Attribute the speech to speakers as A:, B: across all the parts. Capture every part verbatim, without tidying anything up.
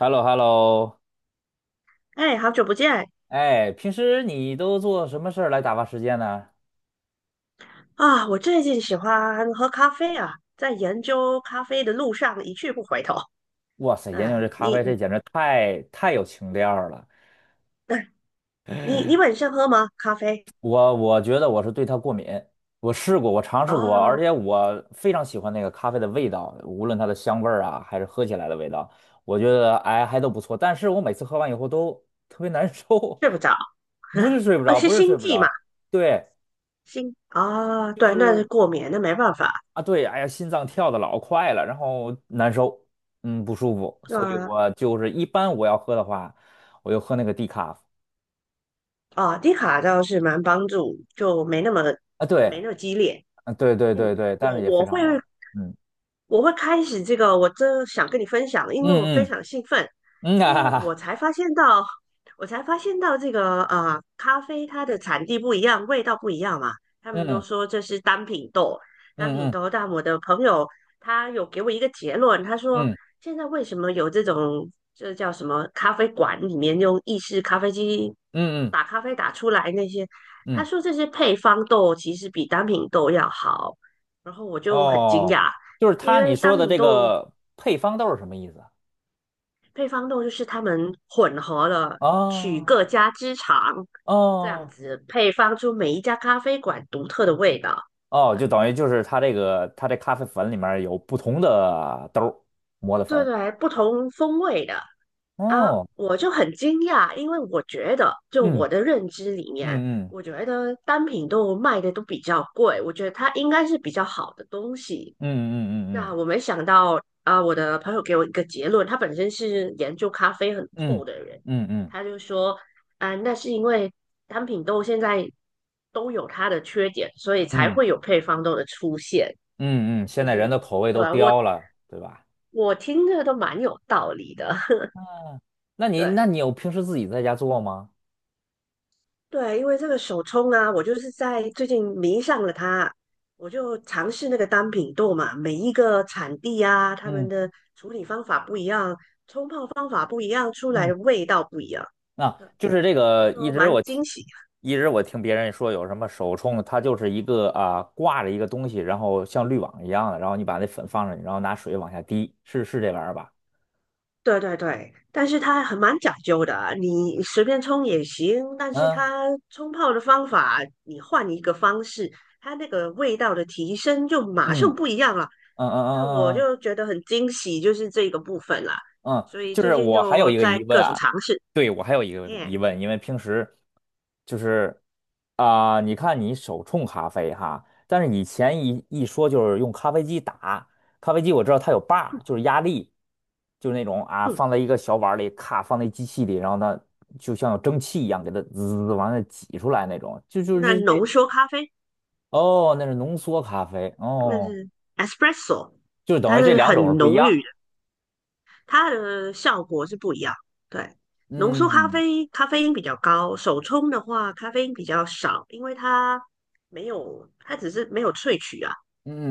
A: h e l l o h e l l o
B: 哎，好久不见
A: 哎，平时你都做什么事儿来打发时间呢？
B: 啊！我最近喜欢喝咖啡啊，在研究咖啡的路上一去不回头。
A: 哇塞，研究这
B: 哎，
A: 咖
B: 你
A: 啡，这
B: 你
A: 简直太太有情调儿了。
B: 哎你你本身喝吗？咖啡
A: 我我觉得我是对它过敏，我试过，我尝试过，而
B: 啊，
A: 且我非常喜欢那个咖啡的味道，无论它的香味儿啊，还是喝起来的味道，我觉得哎还都不错。但是我每次喝完以后都特别难受，
B: 睡不着，
A: 不 是睡不
B: 啊
A: 着，
B: 是
A: 不是睡
B: 心
A: 不
B: 悸嘛？
A: 着，对。
B: 心啊，哦
A: 就
B: 对，那是
A: 是。
B: 过敏，那没办法。
A: 啊，对，哎呀，心脏跳的老快了，然后难受，嗯，不舒服，
B: 对
A: 所以
B: 啊
A: 我就是一般我要喝的话，我就喝那个低卡
B: 啊，低卡倒是蛮帮助，就没那么
A: 啊，对，
B: 没那么激烈。
A: 啊，对对
B: 嗯，
A: 对对，但是
B: 我
A: 也非
B: 我
A: 常
B: 会
A: 好玩。嗯
B: 我会开始这个，我真的想跟你分享了因为我非
A: 嗯
B: 常兴奋，
A: 嗯嗯
B: 因为我
A: 啊，
B: 才发现到，我才发现到这个呃，咖啡它的产地不一样，味道不一样嘛。他们都
A: 嗯
B: 说这是单品豆，单
A: 嗯
B: 品
A: 嗯
B: 豆。但我的朋友他有给我一个结论，他说
A: 嗯
B: 现在为什么有这种这叫什么咖啡馆里面用意式咖啡机
A: 嗯嗯
B: 打咖啡打出来那些，他
A: 嗯，
B: 说这些配方豆其实比单品豆要好，然后我就很惊
A: 哦，
B: 讶。
A: 就是
B: 因
A: 他你
B: 为
A: 说
B: 单
A: 的
B: 品
A: 这
B: 豆、
A: 个配方豆是什么意思啊？
B: 配方豆就是他们混合了取
A: 哦
B: 各家之长，这样
A: 哦
B: 子配方出每一家咖啡馆独特的味道。
A: 哦，就等于就是它这个它这咖啡粉里面有不同的豆儿磨的
B: 对
A: 粉，
B: 对对，不同风味的啊，
A: 哦，
B: 我就很惊讶，因为我觉得就
A: 嗯
B: 我的认知里面，
A: 嗯嗯。
B: 我觉得单品豆卖的都比较贵，我觉得它应该是比较好的东西。
A: 嗯
B: 那
A: 嗯
B: 我没想到啊，我的朋友给我一个结论，他本身是研究咖啡很
A: 嗯
B: 透的人，
A: 嗯嗯嗯
B: 他就说，啊，那是因为单品豆现在都有它的缺点，所以才
A: 嗯
B: 会有配方豆的出现。
A: 嗯嗯，
B: 就
A: 现在人
B: 是
A: 的口味
B: 对
A: 都
B: 啊，我
A: 刁了，对吧？
B: 我听着都蛮有道理的，
A: 那 你
B: 对。
A: 那你有平时自己在家做吗？
B: 对，因为这个手冲啊，我就是在最近迷上了它，我就尝试那个单品豆嘛，每一个产地啊，他
A: 嗯
B: 们的处理方法不一样，冲泡方法不一样，出来
A: 嗯，
B: 的味道不一样，
A: 那
B: 对，
A: 就是这
B: 我
A: 个，一
B: 就
A: 直
B: 蛮
A: 我听，
B: 惊喜。
A: 一直我听别人说有什么手冲，它就是一个啊挂着一个东西，然后像滤网一样的，然后你把那粉放上去，然后拿水往下滴，是是这玩意儿吧？
B: 对对对，但是它很蛮讲究的啊你随便冲也行，但是
A: 嗯
B: 它冲泡的方法，你换一个方式，它那个味道的提升就马
A: 嗯
B: 上不一样了。
A: 嗯嗯
B: 那我
A: 嗯嗯嗯，
B: 就觉得很惊喜，就是这个部分啦。
A: 嗯，
B: 所以
A: 就
B: 最
A: 是
B: 近
A: 我还有
B: 就
A: 一个
B: 在
A: 疑问
B: 各种
A: 啊，
B: 尝试。
A: 对，我还有一个
B: 嘿，
A: 疑问，因为平时就是啊、你看你手冲咖啡哈，但是以前一一说就是用咖啡机打，咖啡机我知道它有把儿，就是压力，就是那种啊
B: 嗯，
A: 放在一个小碗儿里，咔放在机器里，然后它就像有蒸汽一样给它滋滋滋往那挤出来那种，就就
B: 那
A: 是这。
B: 浓缩咖啡
A: 哦，那是浓缩咖啡
B: 那
A: 哦，
B: 是 espresso，
A: 就是
B: 它
A: 等于这
B: 是
A: 两种是
B: 很
A: 不一
B: 浓
A: 样，
B: 郁的，它的效果是不一样。对，浓缩咖
A: 嗯
B: 啡咖啡因比较高，手冲的话咖啡因比较少，因为它没有，它只是没有萃取啊，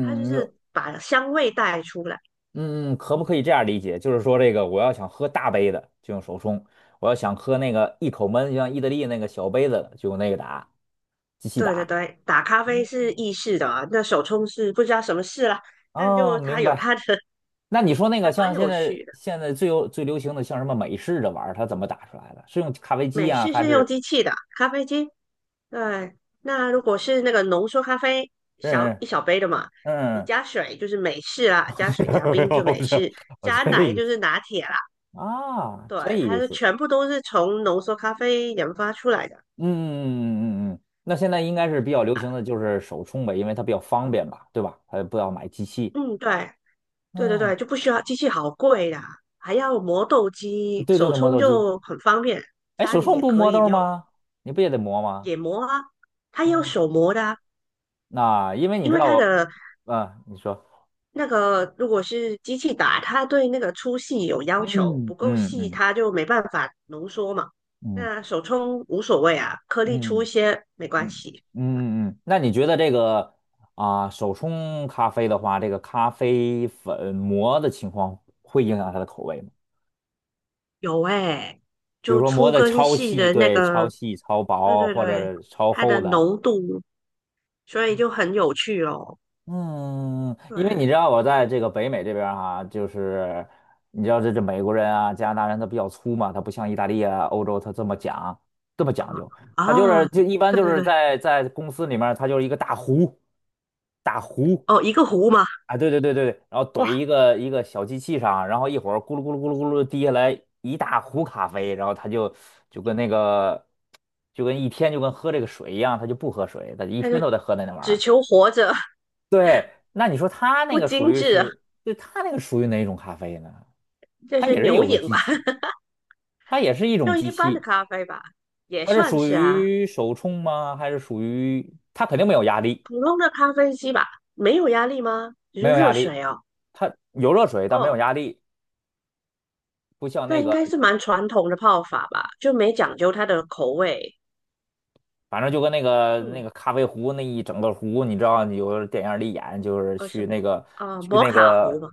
B: 它就是把香味带出来。
A: 嗯，可不可
B: 嗯，
A: 以这样理解？就是说，这个我要想喝大杯的，就用手冲；我要想喝那个一口闷，就像意大利那个小杯子的就用那个打，机器
B: 对对
A: 打。
B: 对，打咖啡是意式的啊那手冲是不知道什么事啦，但
A: 哦，
B: 就它
A: 明
B: 有
A: 白。
B: 它的，
A: 那你说那
B: 还
A: 个
B: 蛮
A: 像现
B: 有
A: 在
B: 趣的。
A: 现在最有最流行的，像什么美式的玩意儿，它怎么打出来的？是用咖啡机
B: 美
A: 啊，
B: 式
A: 还
B: 是用
A: 是
B: 机器的啊咖啡机。对，那如果是那个浓缩咖啡，小
A: 嗯
B: 一小杯的嘛，
A: 嗯
B: 你
A: 嗯？
B: 加水就是美式啦，加水加
A: 没
B: 冰
A: 有，
B: 就
A: 我
B: 美
A: 这
B: 式，
A: 我
B: 加
A: 这
B: 奶
A: 意
B: 就
A: 思
B: 是拿铁啦。
A: 啊，
B: 对，
A: 这
B: 它
A: 意
B: 是
A: 思。
B: 全部都是从浓缩咖啡研发出来的
A: 嗯嗯嗯嗯嗯。那现在应该是比较流行
B: 啊。
A: 的就是手冲呗，因为它比较方便吧，对吧？它不要买机器。
B: 嗯，对。对对
A: 嗯，
B: 对，就不需要机器，好贵啦，还要磨豆机，
A: 对对
B: 手
A: 对，磨
B: 冲
A: 豆机。
B: 就很方便，
A: 哎，
B: 家
A: 手
B: 里
A: 冲
B: 也
A: 不
B: 可
A: 磨
B: 以
A: 豆
B: 有
A: 吗？你不也得磨吗？
B: 也磨啊，它要
A: 嗯，
B: 手磨的啊，
A: 那因为你
B: 因
A: 知
B: 为
A: 道
B: 它
A: 我，
B: 的
A: 啊，你说，
B: 那个如果是机器打，它对那个粗细有要求，
A: 嗯
B: 不够
A: 嗯
B: 细
A: 嗯
B: 它就没办法浓缩嘛。
A: 嗯
B: 那手冲无所谓啊，颗粒粗一
A: 嗯
B: 些没关
A: 嗯
B: 系。呃
A: 嗯嗯，那你觉得这个啊，手冲咖啡的话，这个咖啡粉磨的情况会影响它的口味吗？
B: 有哎、
A: 比如
B: 就
A: 说磨
B: 粗
A: 的
B: 跟
A: 超
B: 细
A: 细，
B: 的那
A: 对，超
B: 个，
A: 细、超
B: 对
A: 薄
B: 对
A: 或
B: 对，
A: 者超
B: 它的
A: 厚的，
B: 浓度，所以就很有趣哦。
A: 嗯，因为你知
B: 对。
A: 道我在这个北美这边儿哈、就是你知道这这美国人啊、加拿大人他比较粗嘛，他不像意大利啊、欧洲他这么讲这么讲究，
B: 啊
A: 他就是
B: 啊，
A: 就一般
B: 对
A: 就
B: 对
A: 是
B: 对，
A: 在在公司里面儿他就是一个大壶，大壶
B: 哦，一个湖嘛，
A: 啊，对对对对，对，然后怼
B: 哇，
A: 一个一个小机器上，然后一会儿咕噜咕噜咕噜咕噜滴下来一大壶咖啡，然后他就就跟那个就跟一天就跟喝这个水一样，他就不喝水，他一
B: 他
A: 天
B: 就
A: 都在喝那那玩意
B: 只
A: 儿。
B: 求活着，
A: 对，那你说它那
B: 不
A: 个属
B: 精
A: 于
B: 致，
A: 是，对，它那个属于哪种咖啡呢？
B: 这
A: 它
B: 是
A: 也是
B: 牛
A: 有个
B: 饮
A: 机
B: 吧？
A: 器，它也是一种
B: 就
A: 机
B: 一般的
A: 器，
B: 咖啡吧，也
A: 它是
B: 算
A: 属
B: 是啊，
A: 于手冲吗？还是属于它肯定没有压力，
B: 普通的咖啡机吧，没有压力吗？只
A: 没
B: 是
A: 有压
B: 热
A: 力，
B: 水哦，
A: 它有热水，但没有
B: 哦，
A: 压力，不像
B: 那
A: 那
B: 应
A: 个，
B: 该是蛮传统的泡法吧，就没讲究它的口味。
A: 反正就跟那个那
B: 嗯，
A: 个咖啡壶那一整个壶，你知道，你有电影里演，就是
B: 哦什
A: 去
B: 么
A: 那个
B: 啊，
A: 去
B: 摩
A: 那
B: 卡壶
A: 个
B: 嘛，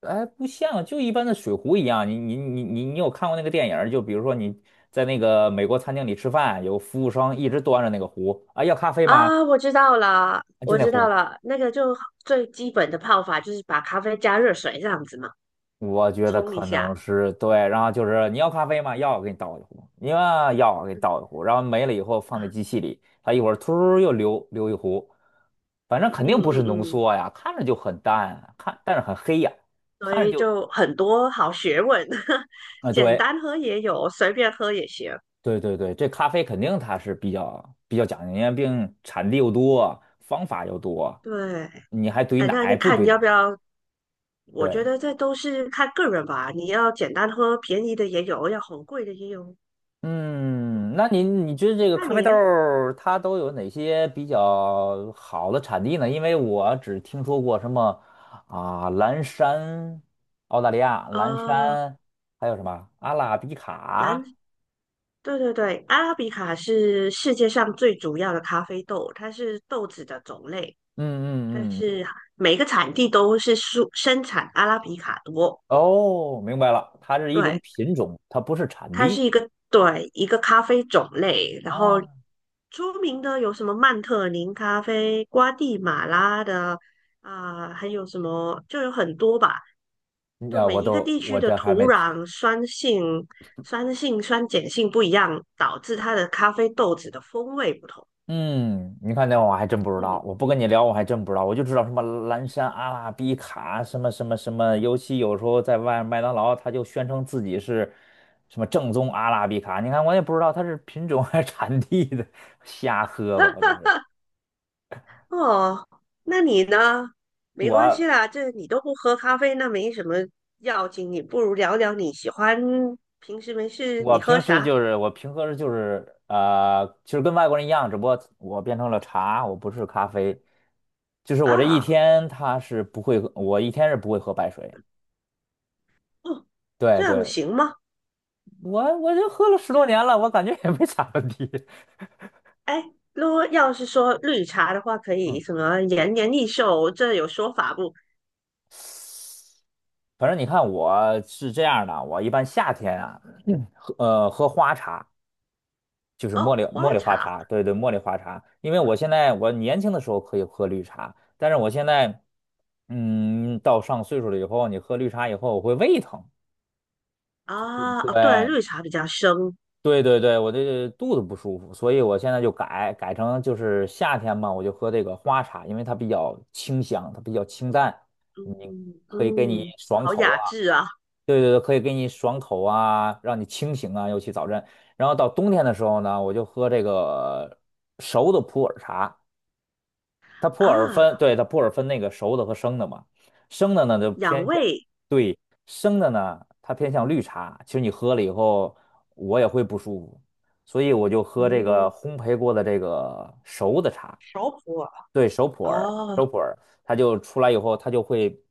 A: 哎，不像，就一般的水壶一样。你你你你你有看过那个电影儿就比如说你在那个美国餐厅里吃饭，有服务生一直端着那个壶啊，要咖啡吗？
B: 啊，我知道了，
A: 啊，就
B: 我
A: 那
B: 知道
A: 壶。
B: 了，那个就最基本的泡法就是把咖啡加热水这样子嘛，
A: 我觉得
B: 冲一
A: 可能
B: 下。
A: 是对，然后就是你要咖啡吗？要，我给你倒一壶。你要，要，我给你倒一
B: 嗯
A: 壶。然后没了以后放在机器里，它一会儿突儿又流流一壶，反正肯
B: 嗯
A: 定不是
B: 嗯
A: 浓
B: 嗯，
A: 缩呀，看着就很淡啊，看但是很黑呀，
B: 所
A: 看着
B: 以
A: 就
B: 就很多好学问，
A: 啊、
B: 简
A: 对，
B: 单喝也有，随便喝也行。
A: 对对对，这咖啡肯定它是比较比较讲究，因为毕竟产地又多，方法又多，
B: 对，
A: 你还兑
B: 哎，那你
A: 奶不
B: 看
A: 兑
B: 你要不
A: 奶？
B: 要？我觉
A: 对，
B: 得这都是看个人吧。你要简单喝，便宜的也有，要很贵的也有。
A: 嗯，那你你觉得这个
B: 那
A: 咖啡
B: 你
A: 豆
B: 呢？
A: 儿它都有哪些比较好的产地呢？因为我只听说过什么啊，蓝山，澳大利亚蓝
B: 啊，
A: 山，还有什么阿拉比卡？
B: 蓝，对对对，阿拉比卡是世界上最主要的咖啡豆，它是豆子的种类，
A: 嗯
B: 但
A: 嗯嗯，
B: 是每个产地都是生生产阿拉比卡多。
A: 哦，明白了，它是一种
B: 对，
A: 品种，它不是产
B: 它是
A: 地
B: 一个对一个咖啡种类，然后
A: 啊。
B: 出名的有什么曼特宁咖啡、瓜地马拉的啊、还有什么就有很多吧。
A: 你
B: 就
A: 啊
B: 每
A: 我
B: 一个
A: 都
B: 地区
A: 我
B: 的
A: 这还
B: 土
A: 没听。
B: 壤酸性、酸性、酸碱性不一样，导致它的咖啡豆子的风味不同。
A: 嗯，你看那我还真不知道，
B: 嗯，
A: 我不跟你聊我还真不知道，我就知道什么蓝山阿拉比卡什么什么什么，尤其有时候在外麦当劳，他就宣称自己是什么正宗阿拉比卡，你看我也不知道它是品种还是产地的，瞎喝吧，我就 是
B: 哦，那你呢？没关系
A: 我
B: 啦，这你都不喝咖啡，那没什么要紧。你不如聊聊你喜欢平时没事
A: 我
B: 你喝
A: 平时
B: 啥？
A: 就是我平喝时就是呃，其实跟外国人一样，只不过我变成了茶，我不是咖啡，就是我这一
B: 啊，
A: 天他是不会喝，我一天是不会喝白水。
B: 哦，
A: 对
B: 这样
A: 对，
B: 行吗？
A: 我我就喝了十
B: 这
A: 多
B: 样
A: 年了，我感觉也没啥问题。
B: 哎，如果要是说绿茶的话，可
A: 嗯，
B: 以什么延年益寿，这有说法不？
A: 反正你看我是这样的，我一般夏天啊，嗯喝呃喝花茶，就是茉莉
B: 哦，花
A: 茉莉花
B: 茶
A: 茶，对对，茉莉花茶。因为我现在我年轻的时候可以喝绿茶，但是我现在嗯到上岁数了以后，你喝绿茶以后我会胃疼。
B: 啊，哦，对，
A: 对
B: 绿茶比较生，
A: 对对对，我这肚子不舒服，所以我现在就改改成就是夏天嘛，我就喝这个花茶，因为它比较清香，它比较清淡，你
B: 嗯
A: 可以给你
B: 嗯，
A: 爽
B: 好
A: 口
B: 雅
A: 啊，
B: 致啊
A: 对对对，可以给你爽口啊，让你清醒啊，尤其早晨。然后到冬天的时候呢，我就喝这个熟的普洱茶，它普洱
B: 啊，
A: 分，对，它普洱分那个熟的和生的嘛，生的呢就
B: 养
A: 偏向，
B: 胃，
A: 对，生的呢它偏向绿茶，其实你喝了以后我也会不舒服，所以我就喝这个
B: 嗯，
A: 烘焙过的这个熟的茶，
B: 熟普洱，哦，
A: 熟普洱，它就出来以后它就会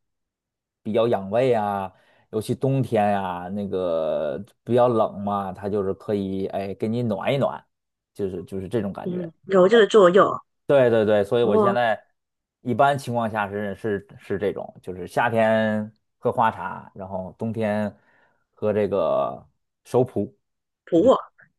A: 比较养胃啊，尤其冬天呀、那个比较冷嘛，它就是可以哎给你暖一暖，就是就是这种感觉。
B: 嗯，有这个作用，
A: 对对对，所以我现
B: 哦，
A: 在一般情况下是是是这种，就是夏天喝花茶，然后冬天喝这个熟普，
B: 普洱，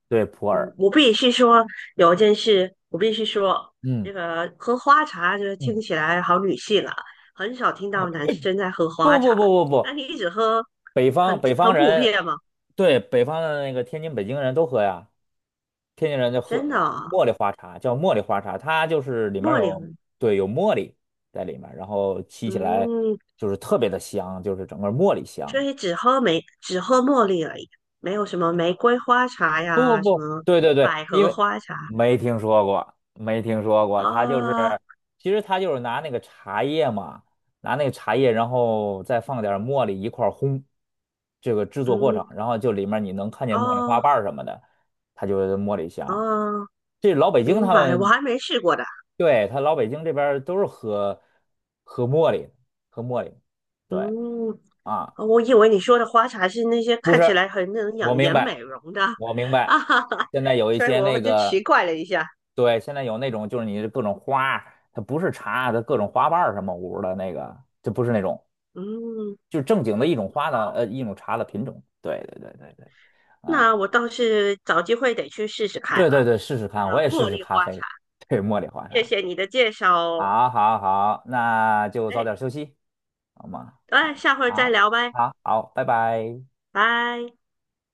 A: 对，普
B: 嗯，
A: 洱。
B: 我必须说有一件事，我必须说，
A: 嗯
B: 这个喝花茶就是
A: 嗯，
B: 听起来好女性啊，很少听到男生在喝花
A: 不不
B: 茶。
A: 不不
B: 那
A: 不，
B: 你一直喝
A: 北方
B: 很
A: 北
B: 很
A: 方
B: 普
A: 人，
B: 遍吗？
A: 对，北方的那个天津、北京人都喝呀，天津人就
B: 真的
A: 喝
B: 啊
A: 茉莉花茶，叫茉莉花茶，它就是里面
B: 茉莉
A: 有
B: 红
A: 对有茉莉在里面，然后沏起来
B: 嗯，
A: 就是特别的香，就是整个茉莉
B: 所
A: 香。
B: 以只喝玫只喝茉莉而已，没有什么玫瑰花茶
A: 不不
B: 呀，什
A: 不，
B: 么
A: 对对对，
B: 百
A: 因
B: 合
A: 为
B: 花茶
A: 没听说过，没听说过，他就是，
B: 啊，
A: 其实他就是拿那个茶叶嘛，拿那个茶叶，然后再放点儿茉莉一块儿烘，这个制作过程，
B: 嗯，
A: 然后就里面你能看见茉莉花
B: 哦
A: 瓣儿什么的，它就是茉莉香。
B: 哦，
A: 这老北京
B: 明
A: 他
B: 白，我
A: 们，
B: 还没试过的，
A: 对，他老北京这边儿都是喝喝茉莉，喝茉莉，对
B: 嗯，
A: 啊，
B: 哦我以为你说的花茶是那些
A: 不
B: 看起
A: 是，
B: 来很能
A: 我
B: 养
A: 明
B: 颜
A: 白，
B: 美容的
A: 我明 白，
B: 啊，哈哈，
A: 现在有一
B: 所以
A: 些
B: 我
A: 那
B: 就
A: 个。
B: 奇怪了一下。
A: 对，现在有那种就是你各种花儿它不是茶，它各种花瓣儿什么五的那个，就不是那种，
B: 嗯，
A: 就是正经的一种花的，呃，一种茶的品种。对对对对对，啊，
B: 那我倒是找机会得去试试看
A: 对
B: 了。
A: 对对，试试看，我
B: 呃，
A: 也试
B: 茉
A: 试
B: 莉
A: 咖
B: 花
A: 啡，
B: 茶，
A: 对，茉莉花
B: 谢
A: 茶。
B: 谢你的介绍哦。
A: 好，好，好，那就早
B: 哎，
A: 点休息，好吗？
B: 哎，下回再
A: 好，
B: 聊呗，
A: 好，好，拜拜。
B: 拜。